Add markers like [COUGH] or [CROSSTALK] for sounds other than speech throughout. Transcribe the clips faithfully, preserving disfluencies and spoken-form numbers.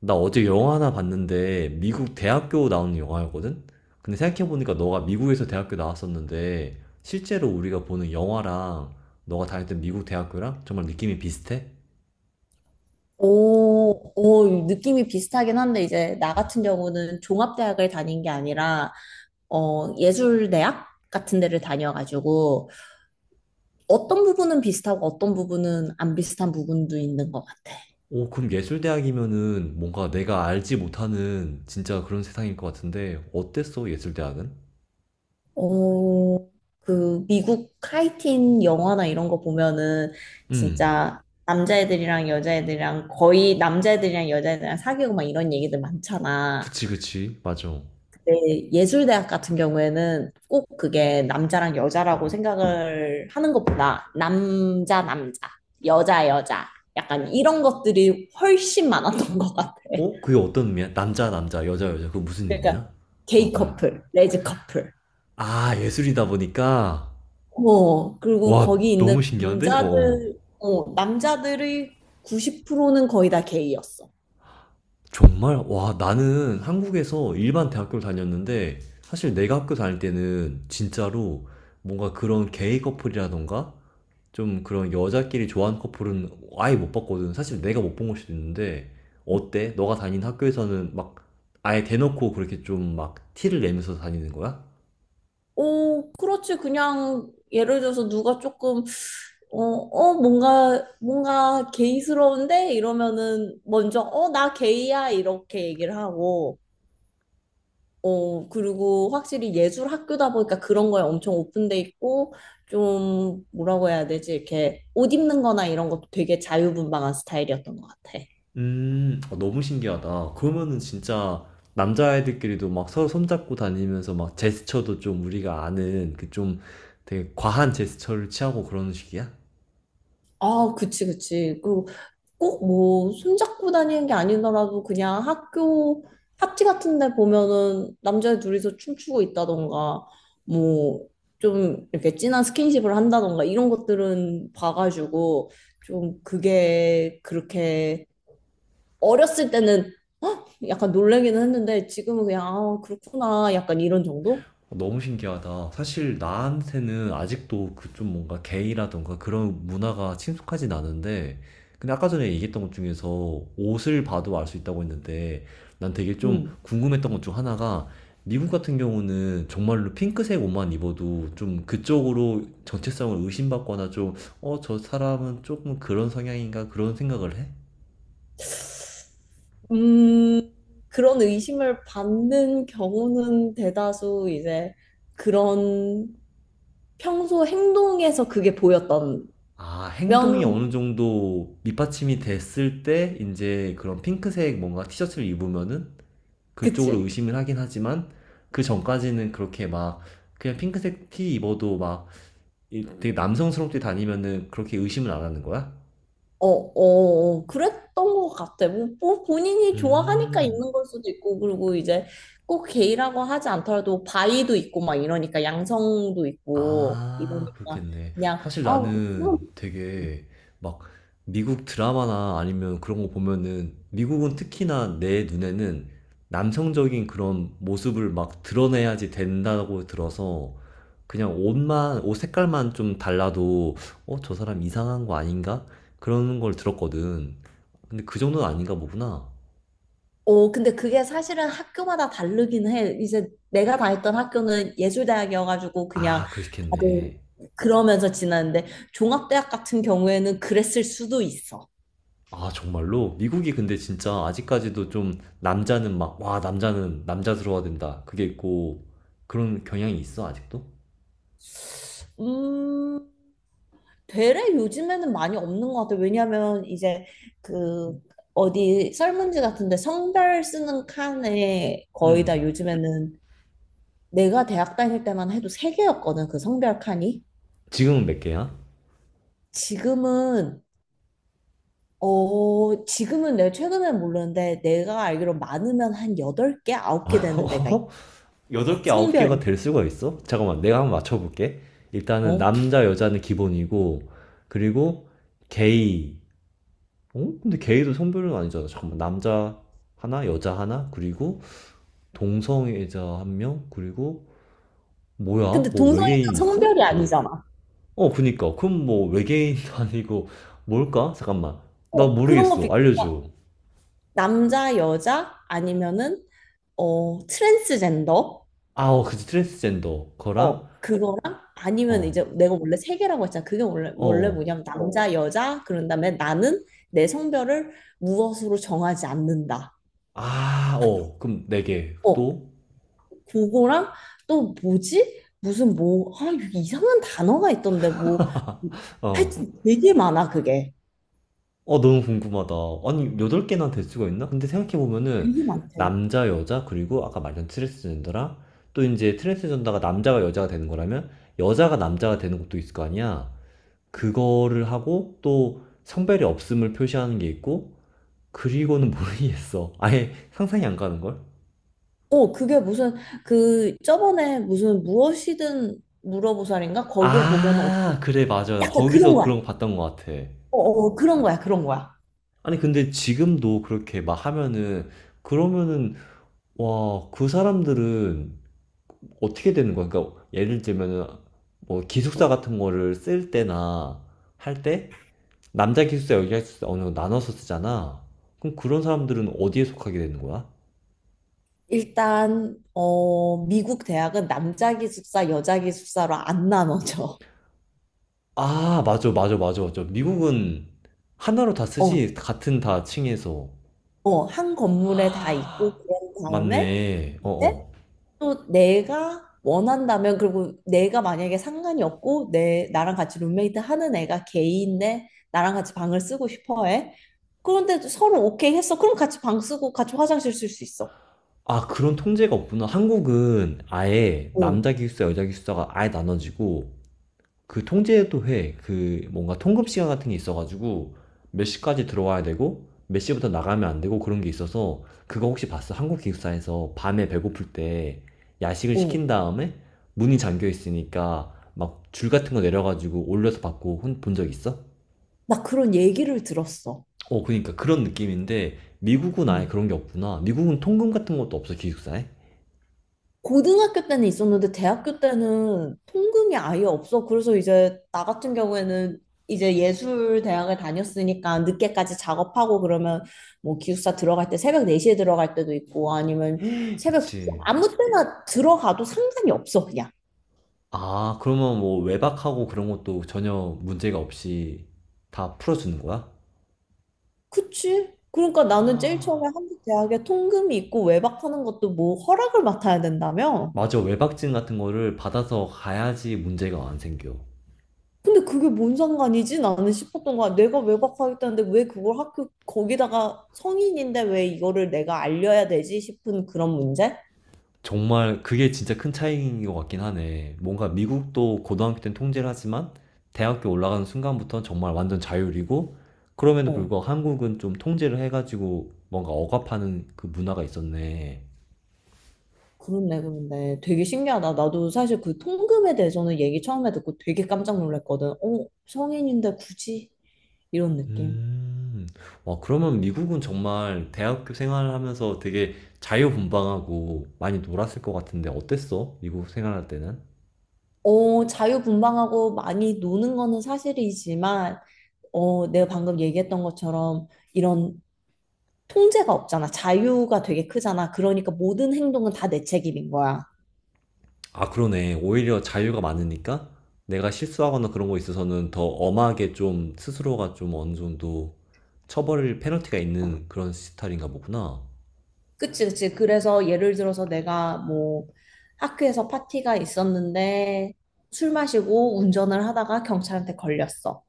나 어제 영화 하나 봤는데 미국 대학교 나오는 영화였거든? 근데 생각해보니까 너가 미국에서 대학교 나왔었는데 실제로 우리가 보는 영화랑 너가 다녔던 미국 대학교랑 정말 느낌이 비슷해? 오, 오, 느낌이 비슷하긴 한데, 이제, 나 같은 경우는 종합대학을 다닌 게 아니라, 어, 예술대학 같은 데를 다녀가지고, 어떤 부분은 비슷하고 어떤 부분은 안 비슷한 부분도 있는 것 같아. 오, 그럼 예술대학이면은 뭔가 내가 알지 못하는 진짜 그런 세상일 것 같은데 어땠어, 예술대학은? 어, 그, 미국 카이팅 영화나 이런 거 보면은, 음, 진짜, 남자애들이랑 여자애들이랑, 거의 남자애들이랑 여자애들이랑 사귀고 막 이런 얘기들 많잖아. 그치, 그치, 맞아. 네, 예술대학 같은 경우에는 꼭 그게 남자랑 여자라고 생각을 하는 것보다 남자, 남자, 여자, 여자, 약간 이런 것들이 훨씬 많았던 것 같아. 어? 그게 어떤 의미야? 남자, 남자, 여자, 여자, 그거 무슨 의미야? 그러니까 어, 게이 어. 커플, 레즈 커플. 아, 예술이다 보니까. 어, 그리고 와, 거기 있는 너무 신기한데? 어. 어. 남자들, 어, 남자들의 구십 퍼센트는 거의 다 게이였어. 정말? 와, 나는 한국에서 일반 대학교를 다녔는데, 사실 내가 학교 다닐 때는 진짜로 뭔가 그런 게이 커플이라던가, 좀 그런 여자끼리 좋아하는 커플은 아예 못 봤거든. 사실 내가 못 본 걸 수도 있는데, 어때? 너가 다닌 학교에서는 막 아예 대놓고 그렇게 좀 막 티를 내면서 다니는 거야? 오, 그렇지. 그냥 예를 들어서 누가 조금 어, 어, 뭔가 뭔가 게이스러운데 이러면은 먼저 어, 나 게이야 이렇게 얘기를 하고 어, 그리고 확실히 예술 학교다 보니까 그런 거에 엄청 오픈돼 있고 좀 뭐라고 해야 되지? 이렇게 옷 입는 거나 이런 것도 되게 자유분방한 스타일이었던 것 같아. 음, 어, 너무 신기하다. 그러면은 진짜 남자애들끼리도 막 서로 손잡고 다니면서 막 제스처도 좀 우리가 아는 그 좀 되게 과한 제스처를 취하고 그런 식이야? 아, 그치, 그치. 그, 꼭 뭐, 손잡고 다니는 게 아니더라도 그냥 학교 파티 같은 데 보면은 남자 둘이서 춤추고 있다던가, 뭐, 좀 이렇게 진한 스킨십을 한다던가, 이런 것들은 봐가지고, 좀 그게 그렇게 어렸을 때는 헉! 약간 놀래기는 했는데, 지금은 그냥, 아, 그렇구나. 약간 이런 정도? 너무 신기하다. 사실 나한테는 아직도 그 좀 뭔가 게이라던가 그런 문화가 친숙하진 않은데, 근데 아까 전에 얘기했던 것 중에서 옷을 봐도 알 수 있다고 했는데, 난 되게 좀 음. 궁금했던 것 중 하나가, 미국 같은 경우는 정말로 핑크색 옷만 입어도 좀 그쪽으로 정체성을 의심받거나 좀, 어, 저 사람은 조금 그런 성향인가 그런 생각을 해? 음, 그런 의심을 받는 경우는 대다수 이제 그런 평소 행동에서 그게 보였던 아, 행동이 면, 어느 정도 밑받침이 됐을 때, 이제 그런 핑크색 뭔가 티셔츠를 입으면은 그쪽으로 그치? 의심을 하긴 하지만 그 전까지는 그렇게 막 그냥 핑크색 티 입어도 막 되게 남성스럽게 다니면은 그렇게 의심을 안 하는 거야? 어, 어, 어, 그랬던 것 같아. 뭐, 뭐 본인이 좋아하니까 음. 있는 걸 수도 있고, 그리고 이제 꼭 게이라고 하지 않더라도 바이도 있고 막 이러니까 양성도 있고 아, 이러니까 그렇겠네. 그냥 사실 아, 그럼. 나는 되게 막 미국 드라마나 아니면 그런 거 보면은 미국은 특히나 내 눈에는 남성적인 그런 모습을 막 드러내야지 된다고 들어서 그냥 옷만, 옷 색깔만 좀 달라도, 어, 저 사람 이상한 거 아닌가? 그런 걸 들었거든. 근데 그 정도는 아닌가 보구나. 어, 근데 그게 사실은 학교마다 다르긴 해. 이제 내가 다녔던 학교는 예술대학이어가지고 그냥 아, 다들 그렇겠네. 그러면서 지났는데 종합대학 같은 경우에는 그랬을 수도 있어. 아, 정말로? 미국이 근데 진짜 아직까지도 좀 남자는 막, 와, 남자는 남자스러워야 된다. 그게 있고, 그런 경향이 있어, 아직도? 음, 되레 요즘에는 많이 없는 것 같아. 왜냐면 이제 그 어디 설문지 같은데 성별 쓰는 칸에 거의 다 음. 요즘에는 내가 대학 다닐 때만 해도 세 개였거든. 그 성별 칸이. 지금은 몇 개야? 지금은 어, 지금은 내가 최근엔 모르는데 내가 알기로 많으면 한 여덟 개, 아홉 개 되는 데가 있어. [LAUGHS] 여덟 개 아홉 개가 성별이. 될 수가 있어? 잠깐만, 내가 한번 맞춰볼게. 일단은 어. 남자, 여자는 기본이고, 그리고 게이, 어? 근데 게이도 성별은 아니잖아. 잠깐만. 남자 하나, 여자 하나, 그리고 동성애자 한 명, 그리고 뭐야? 근데 뭐 동성애는 외계인 있어? 성별이 어. 아니잖아. 어, 그니까. 그럼 뭐 외계인도 [LAUGHS] 아니고 뭘까? 잠깐만. 나 어, 그런 거 모르겠어. 비슷해. 알려줘. 남자, 여자 아니면은 어, 트랜스젠더. 아, 어, 그치. 트랜스젠더. 거랑, 어, 그거랑 아니면 어, 이제 내가 원래 세 개라고 했잖아. 그게 원래 어, 원래 어. 뭐냐면 남자, 여자 그런 다음에 나는 내 성별을 무엇으로 정하지 않는다. 아, 어. 그럼 네 개. 어, 또? 그거랑 또 뭐지? 무슨 뭐, 아, 이게 이상한 단어가 있던데, 뭐. [LAUGHS] 어. 하여튼 되게 많아, 그게. 어, 너무 궁금하다. 아니, 여덟 개나 될 수가 있나? 근데 생각해보면은, 되게 많대. 남자, 여자, 그리고 아까 말한 트랜스젠더랑, 또 이제 트랜스젠더가 남자가 여자가 되는 거라면, 여자가 남자가 되는 것도 있을 거 아니야? 그거를 하고, 또 성별이 없음을 표시하는 게 있고, 그리고는 [LAUGHS] 모르겠어. 아예 상상이 안 가는걸? 어, 그게 무슨, 그, 저번에 무슨 무엇이든 물어보살인가? 거기에 보면 은 아, 그래, 맞아. 나 약간 그런 거기서 그런 거야. 거 봤던 것 같아. 어, 어, 그런 거야, 그런 거야. 아니, 근데 지금도 그렇게 막 하면은, 그러면은, 와, 그 사람들은 어떻게 되는 거야? 그러니까 예를 들면은 뭐 기숙사 같은 거를 쓸 때나 할 때 남자 기숙사 여기 기숙사 어느 정도 나눠서 쓰잖아. 그럼 그런 사람들은 어디에 속하게 되는 거야? 일단, 어, 미국 대학은 남자 기숙사, 여자 기숙사로 안 나눠져. 아, 맞아, 맞아, 맞아, 맞아. 미국은 하나로 다 어, 쓰지 같은 다 층에서. 어, 한 건물에 다 있고, 아, 그런 다음에, 맞네. 어, 어. 또 내가 원한다면 그리고 내가 만약에 상관이 없고 내 나랑 같이 룸메이트 하는 애가 게이인데 나랑 같이 방을 쓰고 싶어 해. 그런데 서로 오케이 했어. 그럼 같이 방 쓰고 같이 화장실 쓸 수 있어. 아, 그런 통제가 없구나. 한국은 아예 어, 남자 기숙사, 여자 기숙사가 아예 나눠지고 그 통제도회 그 뭔가 통금 시간 같은 게 있어가지고 몇 시까지 들어와야 되고 몇 시부터 나가면 안 되고 그런 게 있어서 그거 혹시 봤어? 한국 기숙사에서 밤에 배고플 때 야식을 어. 시킨 다음에 문이 잠겨 있으니까 막 줄 같은 거 내려가지고 올려서 받고 본 적 있어? 나 그런 얘기를 들었어. 어, 그러니까 그런 느낌인데 미국은 아예 그런 게 없구나. 미국은 통금 같은 것도 없어 기숙사에? 고등학교 때는 있었는데 대학교 때는 통금이 아예 없어. 그래서 이제 나 같은 경우에는 이제 예술 대학을 다녔으니까 늦게까지 작업하고 그러면 뭐 기숙사 들어갈 때 새벽 네 시에 들어갈 때도 있고 아니면 새벽 두 시 그치. 아무 때나 들어가도 상관이 없어 그냥. 아, 그러면 뭐 외박하고 그런 것도 전혀 문제가 없이 다 풀어주는 거야? 그치? 그러니까 나는 제일 처음에 한국 대학에 통금이 있고 외박하는 것도 뭐 허락을 맡아야 된다며? 맞아, 외박증 같은 거를 받아서 가야지 문제가 안 생겨. 근데 그게 뭔 상관이지? 나는 싶었던 거야. 내가 외박하겠다는데 왜 그걸 학교 거기다가 성인인데 왜 이거를 내가 알려야 되지 싶은 그런 문제? 정말 그게 진짜 큰 차이인 것 같긴 하네. 뭔가 미국도 고등학교 때는 통제를 하지만 대학교 올라가는 순간부터는 정말 완전 자율이고 그럼에도 어, 불구하고 한국은 좀 통제를 해가지고 뭔가 억압하는 그 문화가 있었네. 그렇네, 그런데 되게 신기하다. 나도 사실 그 통금에 대해서는 얘기 처음에 듣고 되게 깜짝 놀랐거든. 어, 성인인데 굳이 이런 느낌. 음, 와, 그러면 미국은 정말 대학교 생활을 하면서 되게 자유분방하고 많이 놀았을 것 같은데 어땠어? 미국 생활할 때는? 어, 자유분방하고 많이 노는 거는 사실이지만, 어, 내가 방금 얘기했던 것처럼 이런 통제가 없잖아. 자유가 되게 크잖아. 그러니까 모든 행동은 다 내 책임인 거야. 아, 그러네. 오히려 자유가 많으니까 내가 실수하거나 그런 거 있어서는 더 엄하게 좀 스스로가 좀 어느 정도 처벌 페널티가 있는 그런 스타일인가 보구나. 그치, 그치. 그래서 예를 들어서 내가 뭐 학교에서 파티가 있었는데 술 마시고 운전을 하다가 경찰한테 걸렸어.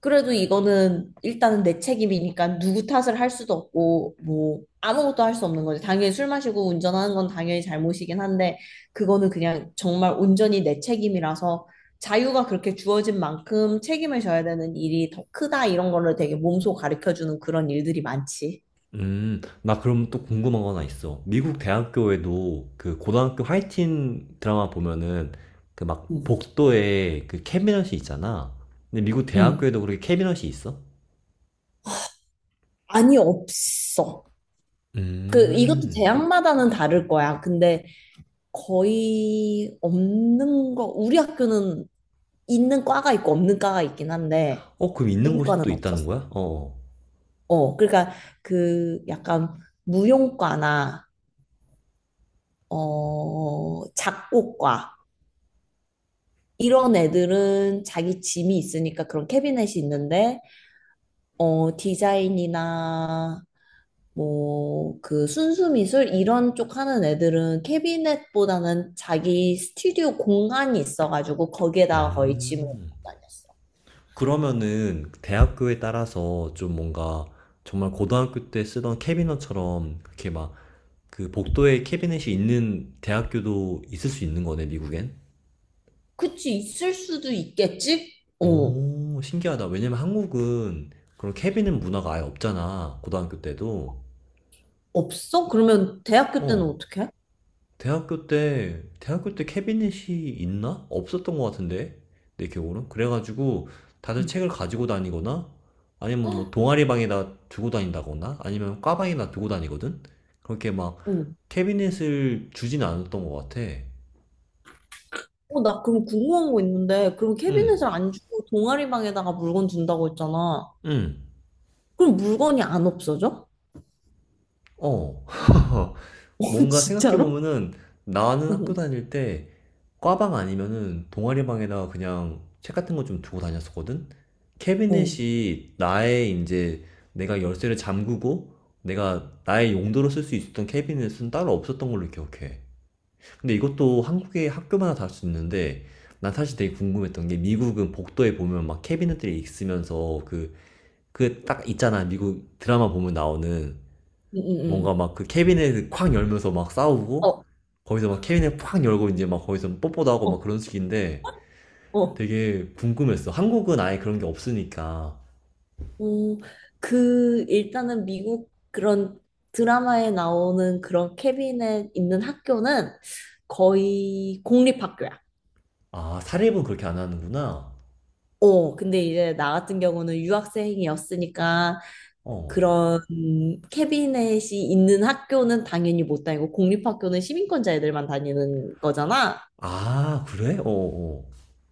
그래도 이거는 일단은 내 책임이니까 누구 탓을 할 수도 없고 뭐 아무것도 할 수 없는 거지. 당연히 술 마시고 운전하는 건 당연히 잘못이긴 한데 그거는 그냥 정말 온전히 내 책임이라서 자유가 그렇게 주어진 만큼 책임을 져야 되는 일이 더 크다 이런 거를 되게 몸소 가르쳐 주는 그런 일들이 많지. 음, 나 그럼 또 궁금한 거 하나 있어. 미국 대학교에도 그 고등학교 화이팅 드라마 보면은 그 막 음. 복도에 그 캐비넷이 있잖아. 근데 미국 음. 대학교에도 그렇게 캐비넷이 있어? 아니 없어. 그 이것도 음, 대학마다는 다를 거야. 근데 거의 없는 거, 우리 학교는 있는 과가 있고 없는 과가 있긴 한데, 어, 그럼 있는 우리 곳이 과는 또 있다는 없었어. 거야? 어, 어. 어, 그러니까 그 약간 무용과나, 어, 작곡과, 이런 애들은 자기 짐이 있으니까 그런 캐비넷이 있는데, 어, 디자인이나, 뭐, 그 순수 미술 이런 쪽 하는 애들은 캐비넷보다는 자기 스튜디오 공간이 있어가지고 거기에다가 거의 짐을 넣고 음. 다녔어. 그러면은 대학교에 따라서 좀 뭔가 정말 고등학교 때 쓰던 캐비닛처럼 그렇게 막 그 복도에 캐비닛이 있는 대학교도 있을 수 있는 거네, 미국엔? 그치, 있을 수도 있겠지? 어, 오, 신기하다. 왜냐면 한국은 그런 캐비닛 문화가 아예 없잖아, 고등학교 때도. 없어? 그러면 대학교 때는 어, 어떻게? 대학교 때, 대학교 때 캐비닛이 있나? 없었던 것 같은데, 내 기억으로. 그래가지고, 다들 음. 책을 가지고 다니거나, 아니면 뭐 동아리 방에다 두고 다닌다거나, 아니면 과방에다 두고 다니거든? 그렇게 막, 어, 캐비닛을 주진 않았던 것 같아. 어, 나 그럼 궁금한 거 있는데, 그럼 응, 캐비넷을 안 주고 동아리 방에다가 물건 둔다고 했잖아. 응, 그럼 물건이 안 없어져? 어. [LAUGHS] [LAUGHS] 어, 뭔가 진짜로? 생각해보면은 나는 학교 어, 다닐 때 과방 아니면은 동아리방에다가 그냥 책 같은 거 좀 두고 다녔었거든? 어, 응, 캐비넷이 나의 이제 내가 열쇠를 잠그고 내가 나의 용도로 쓸 수 있었던 캐비넷은 따로 없었던 걸로 기억해. 근데 이것도 한국의 학교마다 다를 수 있는데 난 사실 되게 궁금했던 게 미국은 복도에 보면 막 캐비넷들이 있으면서 그, 그 딱 있잖아. 미국 드라마 보면 나오는 응, 뭔가 응. 막 그 캐비넷을 콱 열면서 막 싸우고 어, 거기서 막 캐비넷 콱 열고 이제 막 거기서 뽀뽀도 하고 막 어, 그런 식인데 어. 되게 궁금했어. 한국은 아예 그런 게 없으니까. 어, 그, 일단은 미국 그런 드라마에 나오는 그런 캐비넷 있는 학교는 거의 공립학교야. 아, 사립은 그렇게 안 하는구나. 어, 근데 이제 나 같은 경우는 유학생이었으니까 어. 그런 캐비넷이 있는 학교는 당연히 못 다니고 공립학교는 시민권자 애들만 다니는 거잖아. 아, 그래? 어어.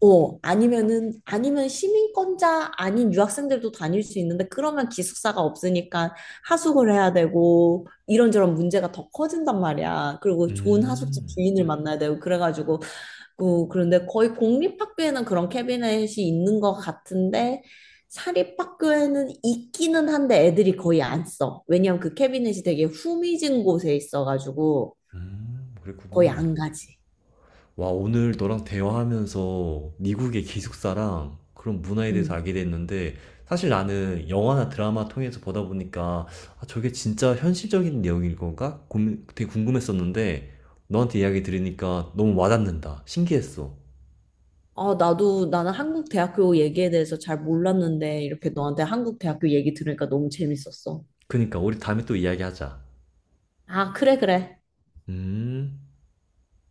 어, 아니면은, 아니면 시민권자 아닌 유학생들도 다닐 수 있는데 그러면 기숙사가 없으니까 하숙을 해야 되고 이런저런 문제가 더 커진단 말이야. 그리고 좋은 하숙집 음. 주인을 만나야 되고 그래가지고 고 그런데 거의 공립학교에는 그런 캐비넷이 있는 것 같은데 사립학교에는 있기는 한데 애들이 거의 안 써. 왜냐면 그 캐비넷이 되게 후미진 곳에 있어가지고 음, 거의 그랬구나. 안 가지. 와, 오늘 너랑 대화하면서 미국의 기숙사랑 그런 문화에 대해서 음. 알게 됐는데, 사실 나는 영화나 드라마 통해서 보다 보니까, 아, 저게 진짜 현실적인 내용일 건가? 고민- 되게 궁금했었는데, 너한테 이야기 들으니까 너무 와닿는다. 신기했어. 아, 나도 나는 한국 대학교 얘기에 대해서 잘 몰랐는데 이렇게 너한테 한국 대학교 얘기 들으니까 너무 재밌었어. 그니까, 우리 다음에 또 이야기하자. 아, 그래, 그래. 음.